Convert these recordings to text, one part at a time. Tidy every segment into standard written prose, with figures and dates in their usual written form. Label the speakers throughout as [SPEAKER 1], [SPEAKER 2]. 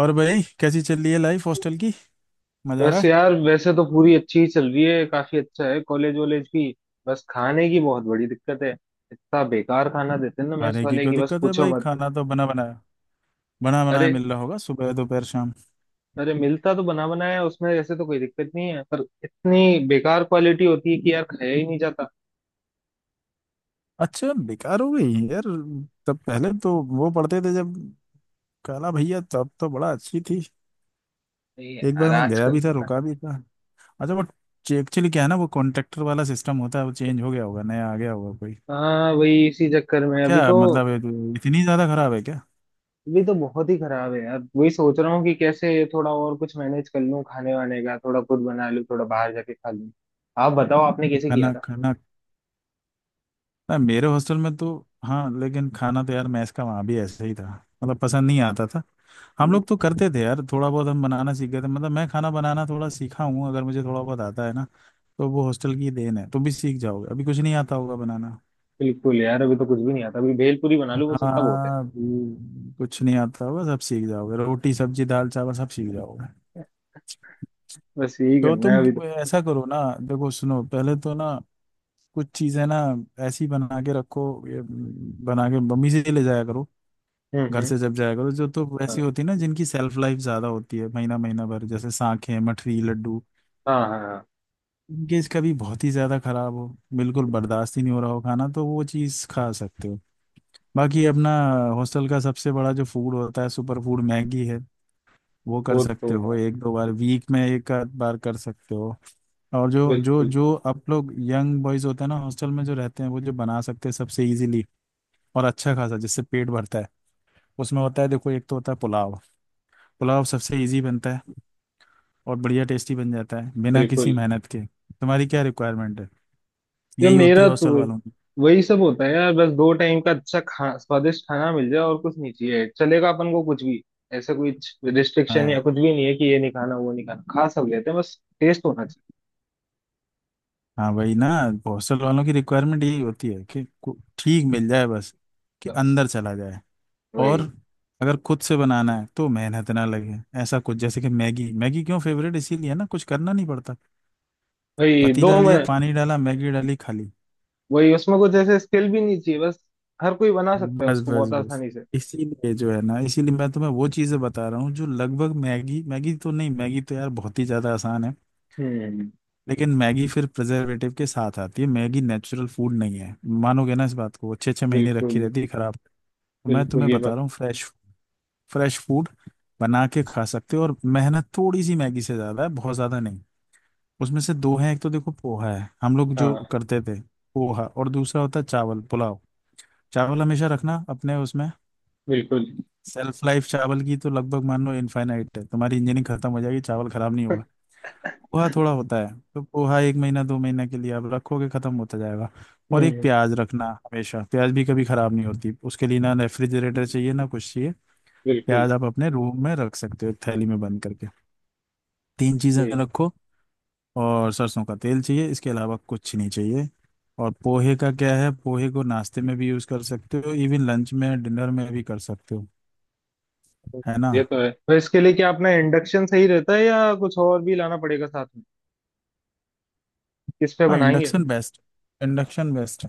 [SPEAKER 1] और भाई कैसी चल रही है लाइफ हॉस्टल की। मजा आ
[SPEAKER 2] बस
[SPEAKER 1] रहा है।
[SPEAKER 2] यार वैसे तो पूरी अच्छी ही चल रही है काफी अच्छा है कॉलेज वॉलेज भी। बस खाने की बहुत बड़ी दिक्कत है। इतना बेकार खाना देते हैं ना मेस
[SPEAKER 1] खाने की
[SPEAKER 2] वाले
[SPEAKER 1] क्यों
[SPEAKER 2] की बस
[SPEAKER 1] दिक्कत है
[SPEAKER 2] पूछो
[SPEAKER 1] भाई,
[SPEAKER 2] मत।
[SPEAKER 1] खाना तो बना बनाया, बना
[SPEAKER 2] अरे
[SPEAKER 1] बनाया मिल रहा होगा सुबह दोपहर शाम।
[SPEAKER 2] अरे मिलता तो बना बनाया है, उसमें ऐसे तो कोई दिक्कत नहीं है पर इतनी बेकार क्वालिटी होती है कि यार खाया ही नहीं जाता।
[SPEAKER 1] अच्छा बेकार हो गई यार, तब पहले तो वो पढ़ते थे जब काला भैया, तब तो बड़ा अच्छी थी।
[SPEAKER 2] नहीं
[SPEAKER 1] एक बार
[SPEAKER 2] यार
[SPEAKER 1] मैं गया
[SPEAKER 2] आजकल
[SPEAKER 1] भी
[SPEAKER 2] तो
[SPEAKER 1] था,
[SPEAKER 2] खा-।
[SPEAKER 1] रुका भी था। अच्छा वो, एक्चुअली क्या है ना, वो कॉन्ट्रैक्टर वाला सिस्टम होता है, वो चेंज हो गया होगा, नया आ गया होगा कोई।
[SPEAKER 2] हाँ वही इसी चक्कर
[SPEAKER 1] तो
[SPEAKER 2] में अभी
[SPEAKER 1] क्या
[SPEAKER 2] तो।
[SPEAKER 1] मतलब इतनी ज्यादा खराब है क्या।
[SPEAKER 2] अभी तो बहुत ही खराब है यार वही सोच रहा हूँ कि कैसे थोड़ा और कुछ मैनेज कर लूँ खाने वाने का थोड़ा खुद बना लूँ थोड़ा बाहर जाके खा लूँ। आप बताओ आपने
[SPEAKER 1] तो
[SPEAKER 2] कैसे किया
[SPEAKER 1] खाना
[SPEAKER 2] था।
[SPEAKER 1] खाना ना मेरे हॉस्टल में तो, हाँ लेकिन खाना तो यार मैस का वहाँ भी ऐसे ही था, मतलब पसंद नहीं आता था। हम लोग तो करते थे यार थोड़ा बहुत, हम बनाना सीख गए थे, मतलब मैं खाना बनाना थोड़ा सीखा हूँ, अगर मुझे थोड़ा बहुत आता है ना तो वो हॉस्टल की देन है। तुम भी सीख जाओगे, अभी कुछ नहीं आता होगा बनाना।
[SPEAKER 2] बिल्कुल यार अभी तो कुछ भी नहीं आता अभी भेलपूरी बना लूँ बस उतना बहुत है।
[SPEAKER 1] हाँ अभी कुछ नहीं आता होगा, सब सीख जाओगे, रोटी सब्जी दाल चावल सब सीख जाओगे।
[SPEAKER 2] बस यही
[SPEAKER 1] तो
[SPEAKER 2] करना है
[SPEAKER 1] तुम
[SPEAKER 2] अभी तो।
[SPEAKER 1] ऐसा करो ना, देखो सुनो, पहले तो ना कुछ चीजें ना ऐसी बना के रखो, ये बना के मम्मी से ले जाया करो। घर
[SPEAKER 2] हम्म।
[SPEAKER 1] से जब जाएगा तो जो तो वैसी
[SPEAKER 2] हाँ
[SPEAKER 1] होती है ना जिनकी सेल्फ लाइफ ज्यादा होती है, महीना महीना भर, जैसे सांखें मठरी लड्डू।
[SPEAKER 2] हाँ हाँ हाँ,
[SPEAKER 1] इनके इसका भी बहुत ही ज्यादा खराब हो, बिल्कुल बर्दाश्त ही नहीं हो रहा हो खाना, तो वो चीज खा सकते हो। बाकी अपना हॉस्टल का सबसे बड़ा जो फूड होता है सुपर फूड, मैगी है। वो कर
[SPEAKER 2] वो तो
[SPEAKER 1] सकते हो
[SPEAKER 2] है।
[SPEAKER 1] एक दो बार, वीक में एक आध बार कर सकते हो। और जो जो
[SPEAKER 2] बिल्कुल
[SPEAKER 1] जो आप लोग यंग बॉयज होते हैं ना हॉस्टल में जो रहते हैं, वो जो बना सकते हैं सबसे इजीली और अच्छा खासा जिससे पेट भरता है, उसमें होता है देखो, एक तो होता है पुलाव। पुलाव सबसे इजी बनता है और बढ़िया टेस्टी बन जाता है बिना किसी
[SPEAKER 2] बिल्कुल।
[SPEAKER 1] मेहनत के। तुम्हारी क्या रिक्वायरमेंट है,
[SPEAKER 2] ये
[SPEAKER 1] यही होती है
[SPEAKER 2] मेरा तो
[SPEAKER 1] हॉस्टल
[SPEAKER 2] वही
[SPEAKER 1] वालों की।
[SPEAKER 2] वही सब होता है यार बस दो टाइम का अच्छा खा स्वादिष्ट खाना मिल जाए और कुछ नहीं चाहिए चलेगा अपन को कुछ भी। ऐसा कोई रिस्ट्रिक्शन या
[SPEAKER 1] हाँ
[SPEAKER 2] कुछ भी नहीं है कि ये नहीं खाना वो नहीं खाना खा सब लेते हैं बस टेस्ट होना चाहिए।
[SPEAKER 1] हाँ वही ना, हॉस्टल वालों की रिक्वायरमेंट यही होती है कि ठीक मिल जाए बस, कि
[SPEAKER 2] बस
[SPEAKER 1] अंदर चला जाए। और
[SPEAKER 2] वही।
[SPEAKER 1] अगर खुद से बनाना है तो मेहनत ना लगे ऐसा कुछ, जैसे कि मैगी। मैगी क्यों फेवरेट इसीलिए है ना, कुछ करना नहीं पड़ता,
[SPEAKER 2] वही
[SPEAKER 1] पतीला
[SPEAKER 2] दो में।
[SPEAKER 1] लिया, पानी डाला, मैगी डाली, खाली।
[SPEAKER 2] वही उसमें कुछ ऐसे स्किल भी नहीं चाहिए बस हर कोई बना सकता है
[SPEAKER 1] बस
[SPEAKER 2] उसको
[SPEAKER 1] बस
[SPEAKER 2] बहुत
[SPEAKER 1] बस,
[SPEAKER 2] आसानी से।
[SPEAKER 1] इसीलिए जो है ना, इसीलिए मैं तुम्हें वो चीज़ें बता रहा हूँ जो लगभग मैगी, मैगी तो नहीं, मैगी तो यार बहुत ही ज़्यादा आसान है।
[SPEAKER 2] हम्म।
[SPEAKER 1] लेकिन मैगी फिर प्रिजर्वेटिव के साथ आती है, मैगी नेचुरल फूड नहीं है। मानोगे ना इस बात को, अच्छे अच्छे महीने रखी
[SPEAKER 2] बिल्कुल।
[SPEAKER 1] रहती है, खराब, तो मैं
[SPEAKER 2] बिल्कुल
[SPEAKER 1] तुम्हें
[SPEAKER 2] ये
[SPEAKER 1] बता
[SPEAKER 2] बात।
[SPEAKER 1] रहा हूँ फ्रेश, फ्रेश फूड बना के खा सकते हो और मेहनत थोड़ी सी मैगी से ज्यादा है, बहुत ज्यादा नहीं। उसमें से दो हैं, एक तो देखो पोहा है, हम लोग जो
[SPEAKER 2] हाँ
[SPEAKER 1] करते थे, पोहा। और दूसरा होता है चावल पुलाव। चावल हमेशा रखना अपने उसमें,
[SPEAKER 2] बिल्कुल।
[SPEAKER 1] सेल्फ लाइफ चावल की तो लगभग मान लो इनफाइनाइट है, तुम्हारी इंजीनियरिंग खत्म हो जाएगी चावल खराब नहीं होगा। पोहा थोड़ा होता है, तो पोहा एक महीना दो महीना के लिए आप रखोगे, खत्म होता जाएगा। और एक
[SPEAKER 2] हम्म।
[SPEAKER 1] प्याज रखना हमेशा, प्याज भी कभी खराब नहीं होती, उसके लिए ना रेफ्रिजरेटर चाहिए ना कुछ चाहिए।
[SPEAKER 2] बिल्कुल
[SPEAKER 1] प्याज आप अपने रूम में रख सकते हो थैली में बंद करके। तीन चीजें
[SPEAKER 2] ये।
[SPEAKER 1] रखो, और सरसों का तेल चाहिए, इसके अलावा कुछ नहीं चाहिए। और पोहे का क्या है, पोहे को नाश्ते में भी यूज कर सकते हो, इवन लंच में डिनर में भी कर सकते हो, है ना।
[SPEAKER 2] ये तो है तो इसके लिए क्या अपना इंडक्शन सही रहता है या कुछ और भी लाना पड़ेगा साथ में किस पे
[SPEAKER 1] हाँ
[SPEAKER 2] बनाएंगे।
[SPEAKER 1] Induction best, induction best,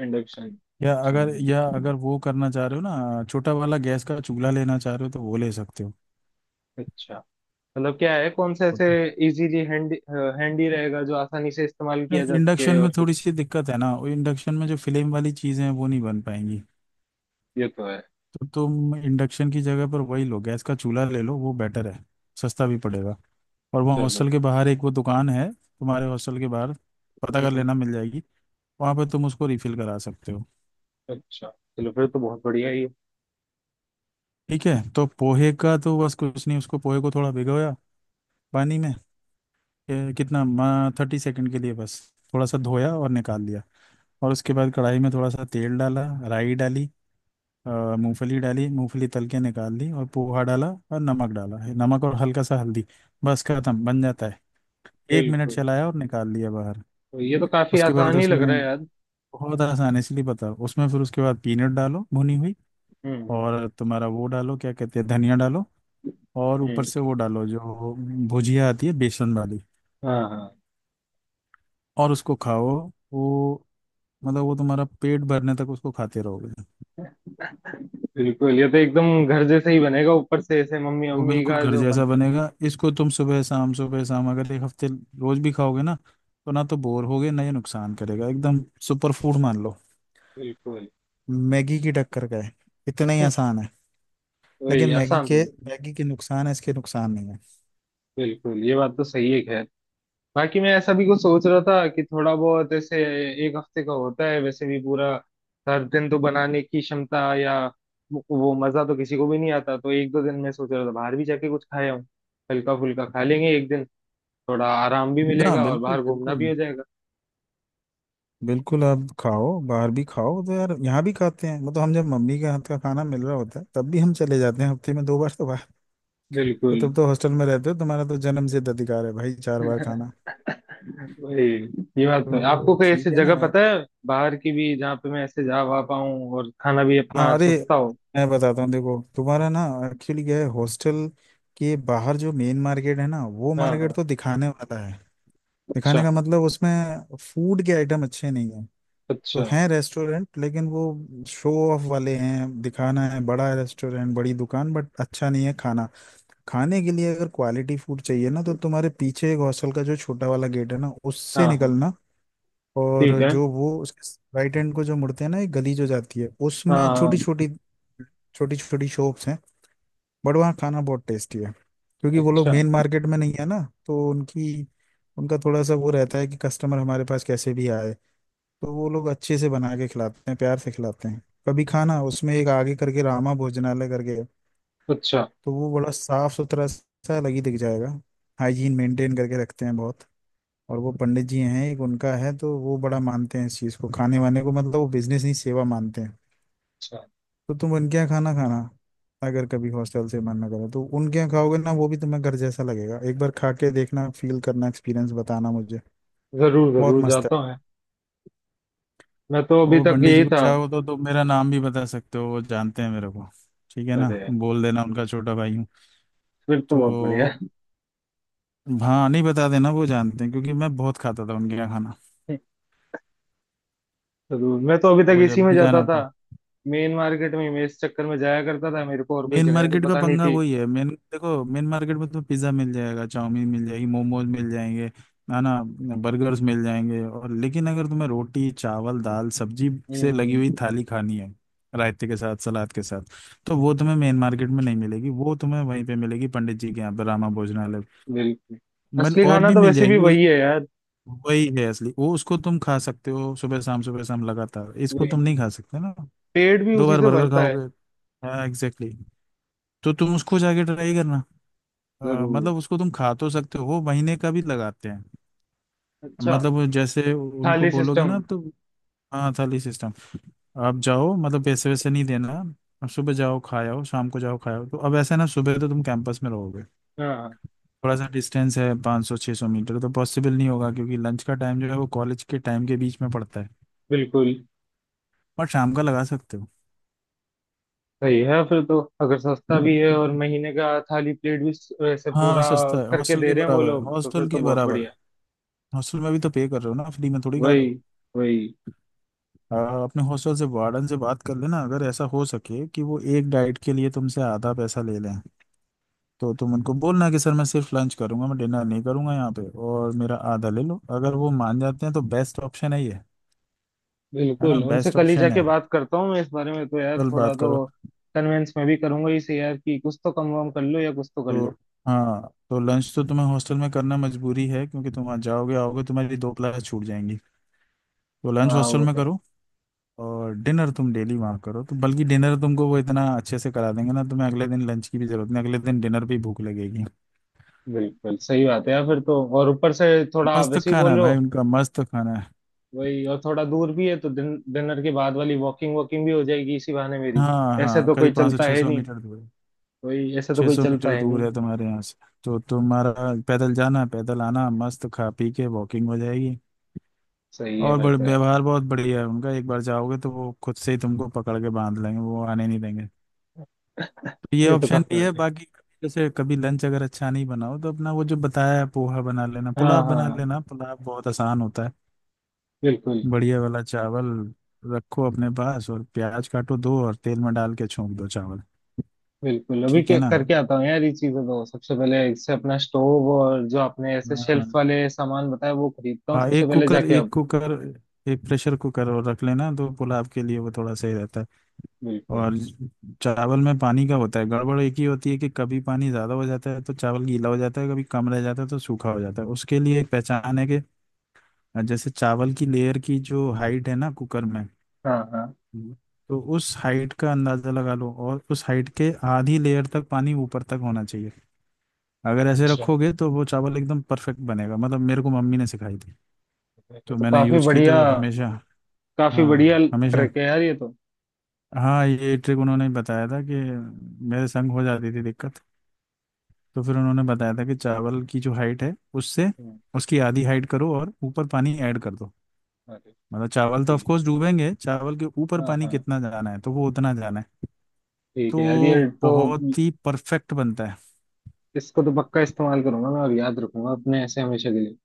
[SPEAKER 2] induction.
[SPEAKER 1] या
[SPEAKER 2] चलो।
[SPEAKER 1] अगर या अगर वो करना चाह रहे हो ना, छोटा वाला गैस का चूल्हा लेना चाह रहे हो तो वो ले सकते हो।
[SPEAKER 2] अच्छा। मतलब क्या है कौन सा ऐसे
[SPEAKER 1] ओके।
[SPEAKER 2] इजीली हैंडी हैंडी रहेगा जो आसानी से इस्तेमाल किया
[SPEAKER 1] नहीं,
[SPEAKER 2] जा सके
[SPEAKER 1] इंडक्शन में
[SPEAKER 2] और कुछ।
[SPEAKER 1] थोड़ी सी दिक्कत है ना, वो इंडक्शन में जो फ्लेम वाली चीजें हैं वो नहीं बन पाएंगी।
[SPEAKER 2] ये तो है।
[SPEAKER 1] तो तुम इंडक्शन की जगह पर वही लो, गैस का चूल्हा ले लो, वो बेटर है, सस्ता भी पड़ेगा। और वहाँ
[SPEAKER 2] चलो।
[SPEAKER 1] हॉस्टल के बाहर एक वो दुकान है, तुम्हारे हॉस्टल के बाहर पता
[SPEAKER 2] हम्म
[SPEAKER 1] कर
[SPEAKER 2] हम्म,
[SPEAKER 1] लेना, मिल जाएगी। वहाँ पर तुम उसको रिफिल करा सकते हो।
[SPEAKER 2] अच्छा। चलो फिर तो बहुत बढ़िया है ये।
[SPEAKER 1] ठीक है तो पोहे का तो बस कुछ नहीं, उसको पोहे को थोड़ा भिगोया पानी में, ये कितना, 30 सेकंड के लिए बस, थोड़ा सा धोया और निकाल लिया। और उसके बाद कढ़ाई में थोड़ा सा तेल डाला, राई डाली, अ, मूंगफली डाली, मूंगफली तल के निकाल ली और पोहा डाला और नमक डाला, है नमक और हल्का सा हल्दी, बस खत्म, बन जाता है। 1 मिनट
[SPEAKER 2] बिल्कुल।
[SPEAKER 1] चलाया और निकाल लिया बाहर।
[SPEAKER 2] तो ये तो काफी
[SPEAKER 1] उसके बाद
[SPEAKER 2] आसान ही लग
[SPEAKER 1] उसमें,
[SPEAKER 2] रहा है यार।
[SPEAKER 1] बहुत आसान है इसलिए बता, उसमें फिर उसके बाद पीनट डालो भुनी हुई,
[SPEAKER 2] हम्म।
[SPEAKER 1] और तुम्हारा वो डालो, क्या कहते हैं, धनिया डालो। और ऊपर
[SPEAKER 2] हम्म,
[SPEAKER 1] से वो डालो जो भुजिया आती है बेसन वाली,
[SPEAKER 2] हाँ हाँ।
[SPEAKER 1] और उसको खाओ। वो, मतलब वो तुम्हारा पेट भरने तक उसको खाते रहोगे।
[SPEAKER 2] बिल्कुल ये तो एकदम घर जैसे ही बनेगा ऊपर से ऐसे मम्मी
[SPEAKER 1] वो
[SPEAKER 2] मम्मी
[SPEAKER 1] बिल्कुल
[SPEAKER 2] का
[SPEAKER 1] घर
[SPEAKER 2] जो
[SPEAKER 1] जैसा
[SPEAKER 2] बनते हैं।
[SPEAKER 1] बनेगा, इसको तुम सुबह शाम अगर एक हफ्ते रोज भी खाओगे ना, तो ना तो बोर होगे ना ये नुकसान करेगा, एकदम सुपर फूड मान लो,
[SPEAKER 2] बिल्कुल।
[SPEAKER 1] मैगी की टक्कर का है। इतना ही
[SPEAKER 2] हम्म,
[SPEAKER 1] आसान है।
[SPEAKER 2] वही
[SPEAKER 1] लेकिन मैगी
[SPEAKER 2] आसान तो।
[SPEAKER 1] के मैगी के नुकसान है, इसके नुकसान नहीं है।
[SPEAKER 2] बिल्कुल ये बात तो सही है खैर बाकी मैं ऐसा भी कुछ सोच रहा था कि थोड़ा बहुत ऐसे एक हफ्ते का होता है वैसे भी पूरा हर दिन तो बनाने की क्षमता या वो मजा तो किसी को भी नहीं आता तो एक दो दिन मैं सोच रहा था बाहर भी जाके कुछ खाया हूँ। हल्का फुल्का खा लेंगे एक दिन। थोड़ा आराम भी
[SPEAKER 1] हाँ
[SPEAKER 2] मिलेगा और
[SPEAKER 1] बिल्कुल
[SPEAKER 2] बाहर घूमना भी
[SPEAKER 1] बिल्कुल,
[SPEAKER 2] हो जाएगा।
[SPEAKER 1] बिल्कुल आप खाओ, बाहर भी खाओ, तो यार यहाँ भी खाते हैं, मतलब हम जब मम्मी के हाथ का खाना मिल रहा होता है तब भी हम चले जाते हैं हफ्ते में दो बार तो बाहर। तो
[SPEAKER 2] बिल्कुल।
[SPEAKER 1] तुम तो हॉस्टल में रहते हो, तुम्हारा तो जन्म सिद्ध अधिकार है भाई चार बार खाना।
[SPEAKER 2] वही। ये बात तो है।
[SPEAKER 1] तो
[SPEAKER 2] आपको कोई ऐसी
[SPEAKER 1] ठीक है ना।
[SPEAKER 2] जगह पता है बाहर की भी जहाँ पे मैं ऐसे जा वहा पाऊँ और खाना भी
[SPEAKER 1] हाँ
[SPEAKER 2] अपना
[SPEAKER 1] अरे
[SPEAKER 2] सस्ता हो।
[SPEAKER 1] मैं बताता हूँ, देखो तुम्हारा ना, एक्चुअली क्या है, हॉस्टल के बाहर जो मेन मार्केट है ना, वो
[SPEAKER 2] हाँ
[SPEAKER 1] मार्केट
[SPEAKER 2] हाँ।
[SPEAKER 1] तो दिखाने वाला है। दिखाने
[SPEAKER 2] अच्छा।
[SPEAKER 1] का मतलब उसमें फूड के आइटम अच्छे नहीं है। तो
[SPEAKER 2] अच्छा।
[SPEAKER 1] हैं रेस्टोरेंट लेकिन वो शो ऑफ वाले हैं, दिखाना है बड़ा रेस्टोरेंट बड़ी दुकान, बट अच्छा नहीं है खाना। खाने के लिए अगर क्वालिटी फूड चाहिए ना, तो तुम्हारे पीछे एक हॉस्टल का जो छोटा वाला गेट है ना,
[SPEAKER 2] हाँ
[SPEAKER 1] उससे
[SPEAKER 2] हाँ।
[SPEAKER 1] निकलना।
[SPEAKER 2] ठीक
[SPEAKER 1] और
[SPEAKER 2] है।
[SPEAKER 1] जो वो उसके राइट हैंड को जो मुड़ते हैं ना, एक गली जो जाती है,
[SPEAKER 2] हाँ
[SPEAKER 1] उसमें छोटी
[SPEAKER 2] हाँ,
[SPEAKER 1] छोटी छोटी छोटी शॉप्स हैं, बट वहाँ खाना बहुत टेस्टी है, क्योंकि वो लोग
[SPEAKER 2] अच्छा।
[SPEAKER 1] मेन मार्केट में नहीं है ना। तो उनकी, उनका थोड़ा सा वो रहता है कि कस्टमर हमारे पास कैसे भी आए, तो वो लोग अच्छे से बना के खिलाते हैं, प्यार से खिलाते हैं। कभी खाना, उसमें एक आगे करके रामा भोजनालय करके है,
[SPEAKER 2] अच्छा।
[SPEAKER 1] तो वो बड़ा साफ सुथरा सा अलग ही दिख जाएगा, हाइजीन मेंटेन करके रखते हैं बहुत। और वो पंडित जी हैं एक, उनका है, तो वो बड़ा मानते हैं इस चीज़ को, खाने वाने को, मतलब वो बिजनेस नहीं सेवा मानते हैं।
[SPEAKER 2] अच्छा।
[SPEAKER 1] तो तुम उनके यहाँ खाना खाना, अगर कभी हॉस्टल से मन ना करे तो उनके यहाँ खाओगे ना वो भी तुम्हें घर जैसा लगेगा। एक बार खा के देखना, फील करना, एक्सपीरियंस बताना मुझे,
[SPEAKER 2] जरूर
[SPEAKER 1] बहुत
[SPEAKER 2] जरूर
[SPEAKER 1] मस्त है।
[SPEAKER 2] जाता हूँ मैं। मैं तो अभी
[SPEAKER 1] वो
[SPEAKER 2] तक
[SPEAKER 1] पंडित जी
[SPEAKER 2] यही
[SPEAKER 1] को
[SPEAKER 2] था।
[SPEAKER 1] चाहो तो तुम मेरा नाम भी बता सकते हो, वो जानते हैं मेरे को, ठीक है ना,
[SPEAKER 2] अरे।
[SPEAKER 1] बोल देना उनका छोटा भाई हूँ।
[SPEAKER 2] फिर तो बहुत बढ़िया
[SPEAKER 1] तो
[SPEAKER 2] है।
[SPEAKER 1] हाँ नहीं, बता देना, वो जानते हैं क्योंकि मैं बहुत खाता था उनके यहाँ खाना।
[SPEAKER 2] जरूर मैं तो अभी तक
[SPEAKER 1] तो
[SPEAKER 2] इसी
[SPEAKER 1] जब
[SPEAKER 2] में
[SPEAKER 1] भी
[SPEAKER 2] जाता
[SPEAKER 1] जाना
[SPEAKER 2] था
[SPEAKER 1] तो।
[SPEAKER 2] मेन मार्केट में मैं इस चक्कर में जाया करता था मेरे को और कोई
[SPEAKER 1] मेन
[SPEAKER 2] जगह तो
[SPEAKER 1] मार्केट का
[SPEAKER 2] पता नहीं
[SPEAKER 1] पंगा
[SPEAKER 2] थी।
[SPEAKER 1] वही है, मेन देखो मेन मार्केट में तुम्हें पिज्ज़ा मिल जाएगा, चाउमीन मिल जाएगी, मोमोज मिल जाएंगे, है ना, बर्गर्स मिल जाएंगे। और लेकिन अगर तुम्हें रोटी चावल दाल सब्जी से लगी हुई
[SPEAKER 2] हम्म।
[SPEAKER 1] थाली खानी है रायते के साथ सलाद के साथ, तो वो तुम्हें मेन मार्केट में नहीं मिलेगी, वो तुम्हें वहीं पे मिलेगी, पंडित जी के यहाँ पे, रामा भोजनालय।
[SPEAKER 2] बिल्कुल।
[SPEAKER 1] मन
[SPEAKER 2] असली
[SPEAKER 1] और
[SPEAKER 2] खाना
[SPEAKER 1] भी
[SPEAKER 2] तो
[SPEAKER 1] मिल
[SPEAKER 2] वैसे भी
[SPEAKER 1] जाएंगी उस,
[SPEAKER 2] वही है यार।
[SPEAKER 1] वही है असली, वो उसको तुम खा सकते हो सुबह शाम लगातार, इसको तुम नहीं खा सकते ना
[SPEAKER 2] पेट भी
[SPEAKER 1] दो
[SPEAKER 2] उसी
[SPEAKER 1] बार
[SPEAKER 2] से
[SPEAKER 1] बर्गर
[SPEAKER 2] भरता है।
[SPEAKER 1] खाओगे। हाँ एग्जैक्टली, तो तुम उसको जाके ट्राई करना।
[SPEAKER 2] जरूर।
[SPEAKER 1] मतलब उसको तुम खा तो सकते हो, वो महीने का भी लगाते हैं,
[SPEAKER 2] अच्छा।
[SPEAKER 1] मतलब वो जैसे उनको
[SPEAKER 2] थाली
[SPEAKER 1] बोलोगे
[SPEAKER 2] सिस्टम।
[SPEAKER 1] ना तो, हाँ थाली सिस्टम। आप जाओ, मतलब पैसे वैसे नहीं देना, आप सुबह जाओ खाए आओ, शाम को जाओ खाए आओ। तो अब ऐसा है ना, सुबह तो तुम कैंपस में रहोगे,
[SPEAKER 2] हाँ।
[SPEAKER 1] थोड़ा सा डिस्टेंस है, 500 600 मीटर, तो पॉसिबल नहीं होगा क्योंकि लंच का टाइम जो है वो कॉलेज के टाइम के बीच में पड़ता है,
[SPEAKER 2] बिल्कुल।
[SPEAKER 1] बट शाम का लगा सकते हो।
[SPEAKER 2] सही है फिर तो अगर सस्ता भी है और महीने का थाली प्लेट भी स- वैसे
[SPEAKER 1] हाँ
[SPEAKER 2] पूरा
[SPEAKER 1] सस्ता है,
[SPEAKER 2] करके
[SPEAKER 1] हॉस्टल
[SPEAKER 2] दे
[SPEAKER 1] के
[SPEAKER 2] रहे हैं वो
[SPEAKER 1] बराबर है,
[SPEAKER 2] लोग तो फिर
[SPEAKER 1] हॉस्टल
[SPEAKER 2] तो
[SPEAKER 1] के
[SPEAKER 2] बहुत
[SPEAKER 1] बराबर है,
[SPEAKER 2] बढ़िया।
[SPEAKER 1] हॉस्टल में भी तो पे कर रहे हो ना, फ्री में थोड़ी खा रहे
[SPEAKER 2] वही।
[SPEAKER 1] हो।
[SPEAKER 2] वही।
[SPEAKER 1] आ, अपने हॉस्टल से, वार्डन से बात कर लेना, अगर ऐसा हो सके कि वो एक डाइट के लिए तुमसे आधा पैसा ले लें, तो तुम उनको बोलना कि सर मैं सिर्फ लंच करूंगा, मैं डिनर नहीं करूंगा यहाँ पे, और मेरा आधा ले लो। अगर वो मान जाते हैं तो बेस्ट ऑप्शन है ये, है ना,
[SPEAKER 2] बिल्कुल उनसे
[SPEAKER 1] बेस्ट
[SPEAKER 2] कल ही
[SPEAKER 1] ऑप्शन
[SPEAKER 2] जाके
[SPEAKER 1] है।
[SPEAKER 2] बात करता हूँ मैं इस बारे में तो यार
[SPEAKER 1] कल
[SPEAKER 2] थोड़ा
[SPEAKER 1] बात करो।
[SPEAKER 2] तो कन्वेंस मैं भी करूंगा इसे यार कि कुछ तो कम वम कर लो या कुछ तो कर
[SPEAKER 1] तो
[SPEAKER 2] लो।
[SPEAKER 1] हाँ, तो लंच तो तुम्हें हॉस्टल में करना मजबूरी है, क्योंकि तुम आज जाओगे आओगे तुम्हारी दो क्लास छूट जाएंगी, तो लंच
[SPEAKER 2] हाँ
[SPEAKER 1] हॉस्टल
[SPEAKER 2] वो
[SPEAKER 1] में
[SPEAKER 2] तो है।
[SPEAKER 1] करो और डिनर तुम डेली वहाँ करो, तो बल्कि डिनर तुमको वो इतना अच्छे से करा देंगे ना, तुम्हें अगले दिन लंच की भी जरूरत नहीं, अगले दिन डिनर भी भूख लगेगी।
[SPEAKER 2] बिल्कुल सही बात है यार फिर तो और ऊपर से थोड़ा
[SPEAKER 1] मस्त
[SPEAKER 2] वैसे ही
[SPEAKER 1] खाना है
[SPEAKER 2] बोलो।
[SPEAKER 1] भाई, उनका मस्त खाना है।
[SPEAKER 2] वही और थोड़ा दूर भी है तो दिन डिनर के बाद वाली वॉकिंग वॉकिंग भी हो जाएगी इसी बहाने मेरी।
[SPEAKER 1] हाँ
[SPEAKER 2] ऐसे
[SPEAKER 1] हाँ
[SPEAKER 2] तो कोई
[SPEAKER 1] करीब पाँच सौ
[SPEAKER 2] चलता
[SPEAKER 1] छः
[SPEAKER 2] है
[SPEAKER 1] सौ
[SPEAKER 2] नहीं।
[SPEAKER 1] मीटर दूर है,
[SPEAKER 2] वही ऐसे तो
[SPEAKER 1] छः
[SPEAKER 2] कोई
[SPEAKER 1] सौ
[SPEAKER 2] चलता
[SPEAKER 1] मीटर
[SPEAKER 2] है
[SPEAKER 1] दूर
[SPEAKER 2] नहीं।
[SPEAKER 1] है तुम्हारे यहाँ से। तो तुम्हारा पैदल जाना पैदल आना, मस्त खा पी के वॉकिंग हो जाएगी।
[SPEAKER 2] सही है
[SPEAKER 1] और
[SPEAKER 2] फिर
[SPEAKER 1] बड़े
[SPEAKER 2] तो यार।
[SPEAKER 1] व्यवहार बहुत बढ़िया है उनका, एक बार जाओगे तो वो खुद से ही तुमको पकड़ के बांध लेंगे, वो आने नहीं देंगे। तो ये
[SPEAKER 2] ये तो
[SPEAKER 1] ऑप्शन
[SPEAKER 2] काफी
[SPEAKER 1] भी है,
[SPEAKER 2] बढ़िया है।
[SPEAKER 1] बाकी जैसे कभी लंच अगर अच्छा नहीं बनाओ तो अपना वो जो बताया है, पोहा बना लेना,
[SPEAKER 2] हाँ
[SPEAKER 1] पुलाव बना
[SPEAKER 2] हाँ।
[SPEAKER 1] लेना, पुलाव बहुत आसान होता है।
[SPEAKER 2] बिल्कुल
[SPEAKER 1] बढ़िया वाला चावल रखो अपने पास, और प्याज काटो दो, और तेल में डाल के छोंक दो चावल,
[SPEAKER 2] बिल्कुल। अभी
[SPEAKER 1] ठीक
[SPEAKER 2] के,
[SPEAKER 1] है ना।
[SPEAKER 2] करके आता हूँ यार ये चीजें तो सबसे पहले इससे अपना स्टोव और जो आपने ऐसे
[SPEAKER 1] हाँ
[SPEAKER 2] शेल्फ वाले सामान बताया वो खरीदता हूँ
[SPEAKER 1] हाँ,
[SPEAKER 2] सबसे
[SPEAKER 1] एक
[SPEAKER 2] पहले
[SPEAKER 1] कुकर,
[SPEAKER 2] जाके
[SPEAKER 1] एक
[SPEAKER 2] अब।
[SPEAKER 1] कुकर, एक प्रेशर कुकर और रख लेना, तो पुलाव के लिए वो थोड़ा सही रहता है।
[SPEAKER 2] बिल्कुल।
[SPEAKER 1] और चावल में पानी का होता है गड़बड़ एक ही होती है, कि कभी पानी ज़्यादा हो जाता है तो चावल गीला हो जाता है, कभी कम रह जाता है तो सूखा हो जाता है। उसके लिए एक पहचान है कि जैसे चावल की लेयर की जो हाइट है ना कुकर में,
[SPEAKER 2] हाँ हाँ।
[SPEAKER 1] हम्म। तो उस हाइट का अंदाज़ा लगा लो, और उस हाइट के आधी लेयर तक पानी ऊपर तक होना चाहिए। अगर ऐसे
[SPEAKER 2] अच्छा।
[SPEAKER 1] रखोगे तो वो चावल एकदम परफेक्ट बनेगा, मतलब मेरे को मम्मी ने सिखाई थी,
[SPEAKER 2] ये
[SPEAKER 1] तो
[SPEAKER 2] तो
[SPEAKER 1] मैंने यूज की तो हमेशा।
[SPEAKER 2] काफी बढ़िया
[SPEAKER 1] हाँ हमेशा,
[SPEAKER 2] ट्रिक है यार ये तो।
[SPEAKER 1] हाँ ये ट्रिक उन्होंने बताया था कि, मेरे संग हो जाती थी दिक्कत, तो फिर उन्होंने बताया था कि चावल की जो हाइट है उससे
[SPEAKER 2] हम्म,
[SPEAKER 1] उसकी आधी हाइट करो और ऊपर पानी ऐड कर दो।
[SPEAKER 2] अरे।
[SPEAKER 1] मतलब चावल तो
[SPEAKER 2] ठीक।
[SPEAKER 1] ऑफकोर्स डूबेंगे, चावल के ऊपर
[SPEAKER 2] हाँ
[SPEAKER 1] पानी
[SPEAKER 2] हाँ।
[SPEAKER 1] कितना जाना है तो वो उतना जाना है।
[SPEAKER 2] ठीक है यार
[SPEAKER 1] तो
[SPEAKER 2] ये तो
[SPEAKER 1] बहुत ही परफेक्ट बनता है।
[SPEAKER 2] इसको तो पक्का इस्तेमाल करूंगा मैं और याद रखूंगा अपने ऐसे हमेशा के लिए।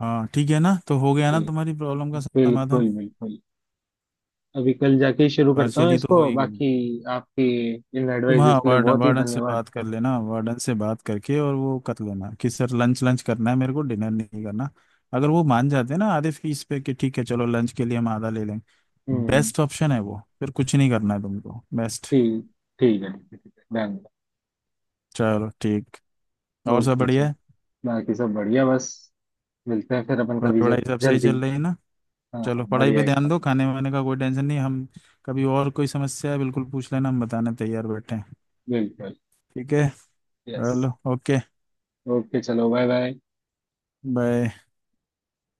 [SPEAKER 1] हाँ ठीक है ना, तो हो गया ना
[SPEAKER 2] ठीक।
[SPEAKER 1] तुम्हारी प्रॉब्लम का समाधान,
[SPEAKER 2] बिल्कुल बिल्कुल। अभी कल जाके ही शुरू करता हूँ
[SPEAKER 1] पार्शियली तो हो
[SPEAKER 2] इसको
[SPEAKER 1] ही गया।
[SPEAKER 2] बाकी आपकी इन
[SPEAKER 1] तुम हाँ,
[SPEAKER 2] एडवाइजेस के लिए
[SPEAKER 1] वार्डन
[SPEAKER 2] बहुत ही
[SPEAKER 1] वार्डन से
[SPEAKER 2] धन्यवाद।
[SPEAKER 1] बात कर लेना, वार्डन से बात करके और वो कर लेना कि सर लंच लंच करना है मेरे को, डिनर नहीं करना। अगर वो मान जाते हैं ना आधे फीस पे कि ठीक है चलो लंच के लिए हम आधा ले लेंगे,
[SPEAKER 2] हम्म।
[SPEAKER 1] बेस्ट ऑप्शन है वो, फिर कुछ नहीं करना है तुमको, बेस्ट।
[SPEAKER 2] ठीक। ठीक है ठीक है ठीक है डन।
[SPEAKER 1] चलो ठीक, और सब
[SPEAKER 2] ओके चलो
[SPEAKER 1] बढ़िया है,
[SPEAKER 2] बाकी सब बढ़िया बस मिलते हैं फिर अपन कभी
[SPEAKER 1] पढ़ाई वढ़ाई सब सही
[SPEAKER 2] जल्दी।
[SPEAKER 1] चल रही है ना।
[SPEAKER 2] हाँ
[SPEAKER 1] चलो
[SPEAKER 2] हाँ
[SPEAKER 1] पढ़ाई पे
[SPEAKER 2] बढ़िया
[SPEAKER 1] ध्यान
[SPEAKER 2] एकदम।
[SPEAKER 1] दो, खाने वाने का कोई टेंशन नहीं, हम कभी और कोई समस्या है बिल्कुल पूछ लेना, हम बताने तैयार बैठे हैं,
[SPEAKER 2] बिल्कुल।
[SPEAKER 1] ठीक है,
[SPEAKER 2] यस।
[SPEAKER 1] चलो ओके,
[SPEAKER 2] ओके चलो बाय बाय।
[SPEAKER 1] बाय।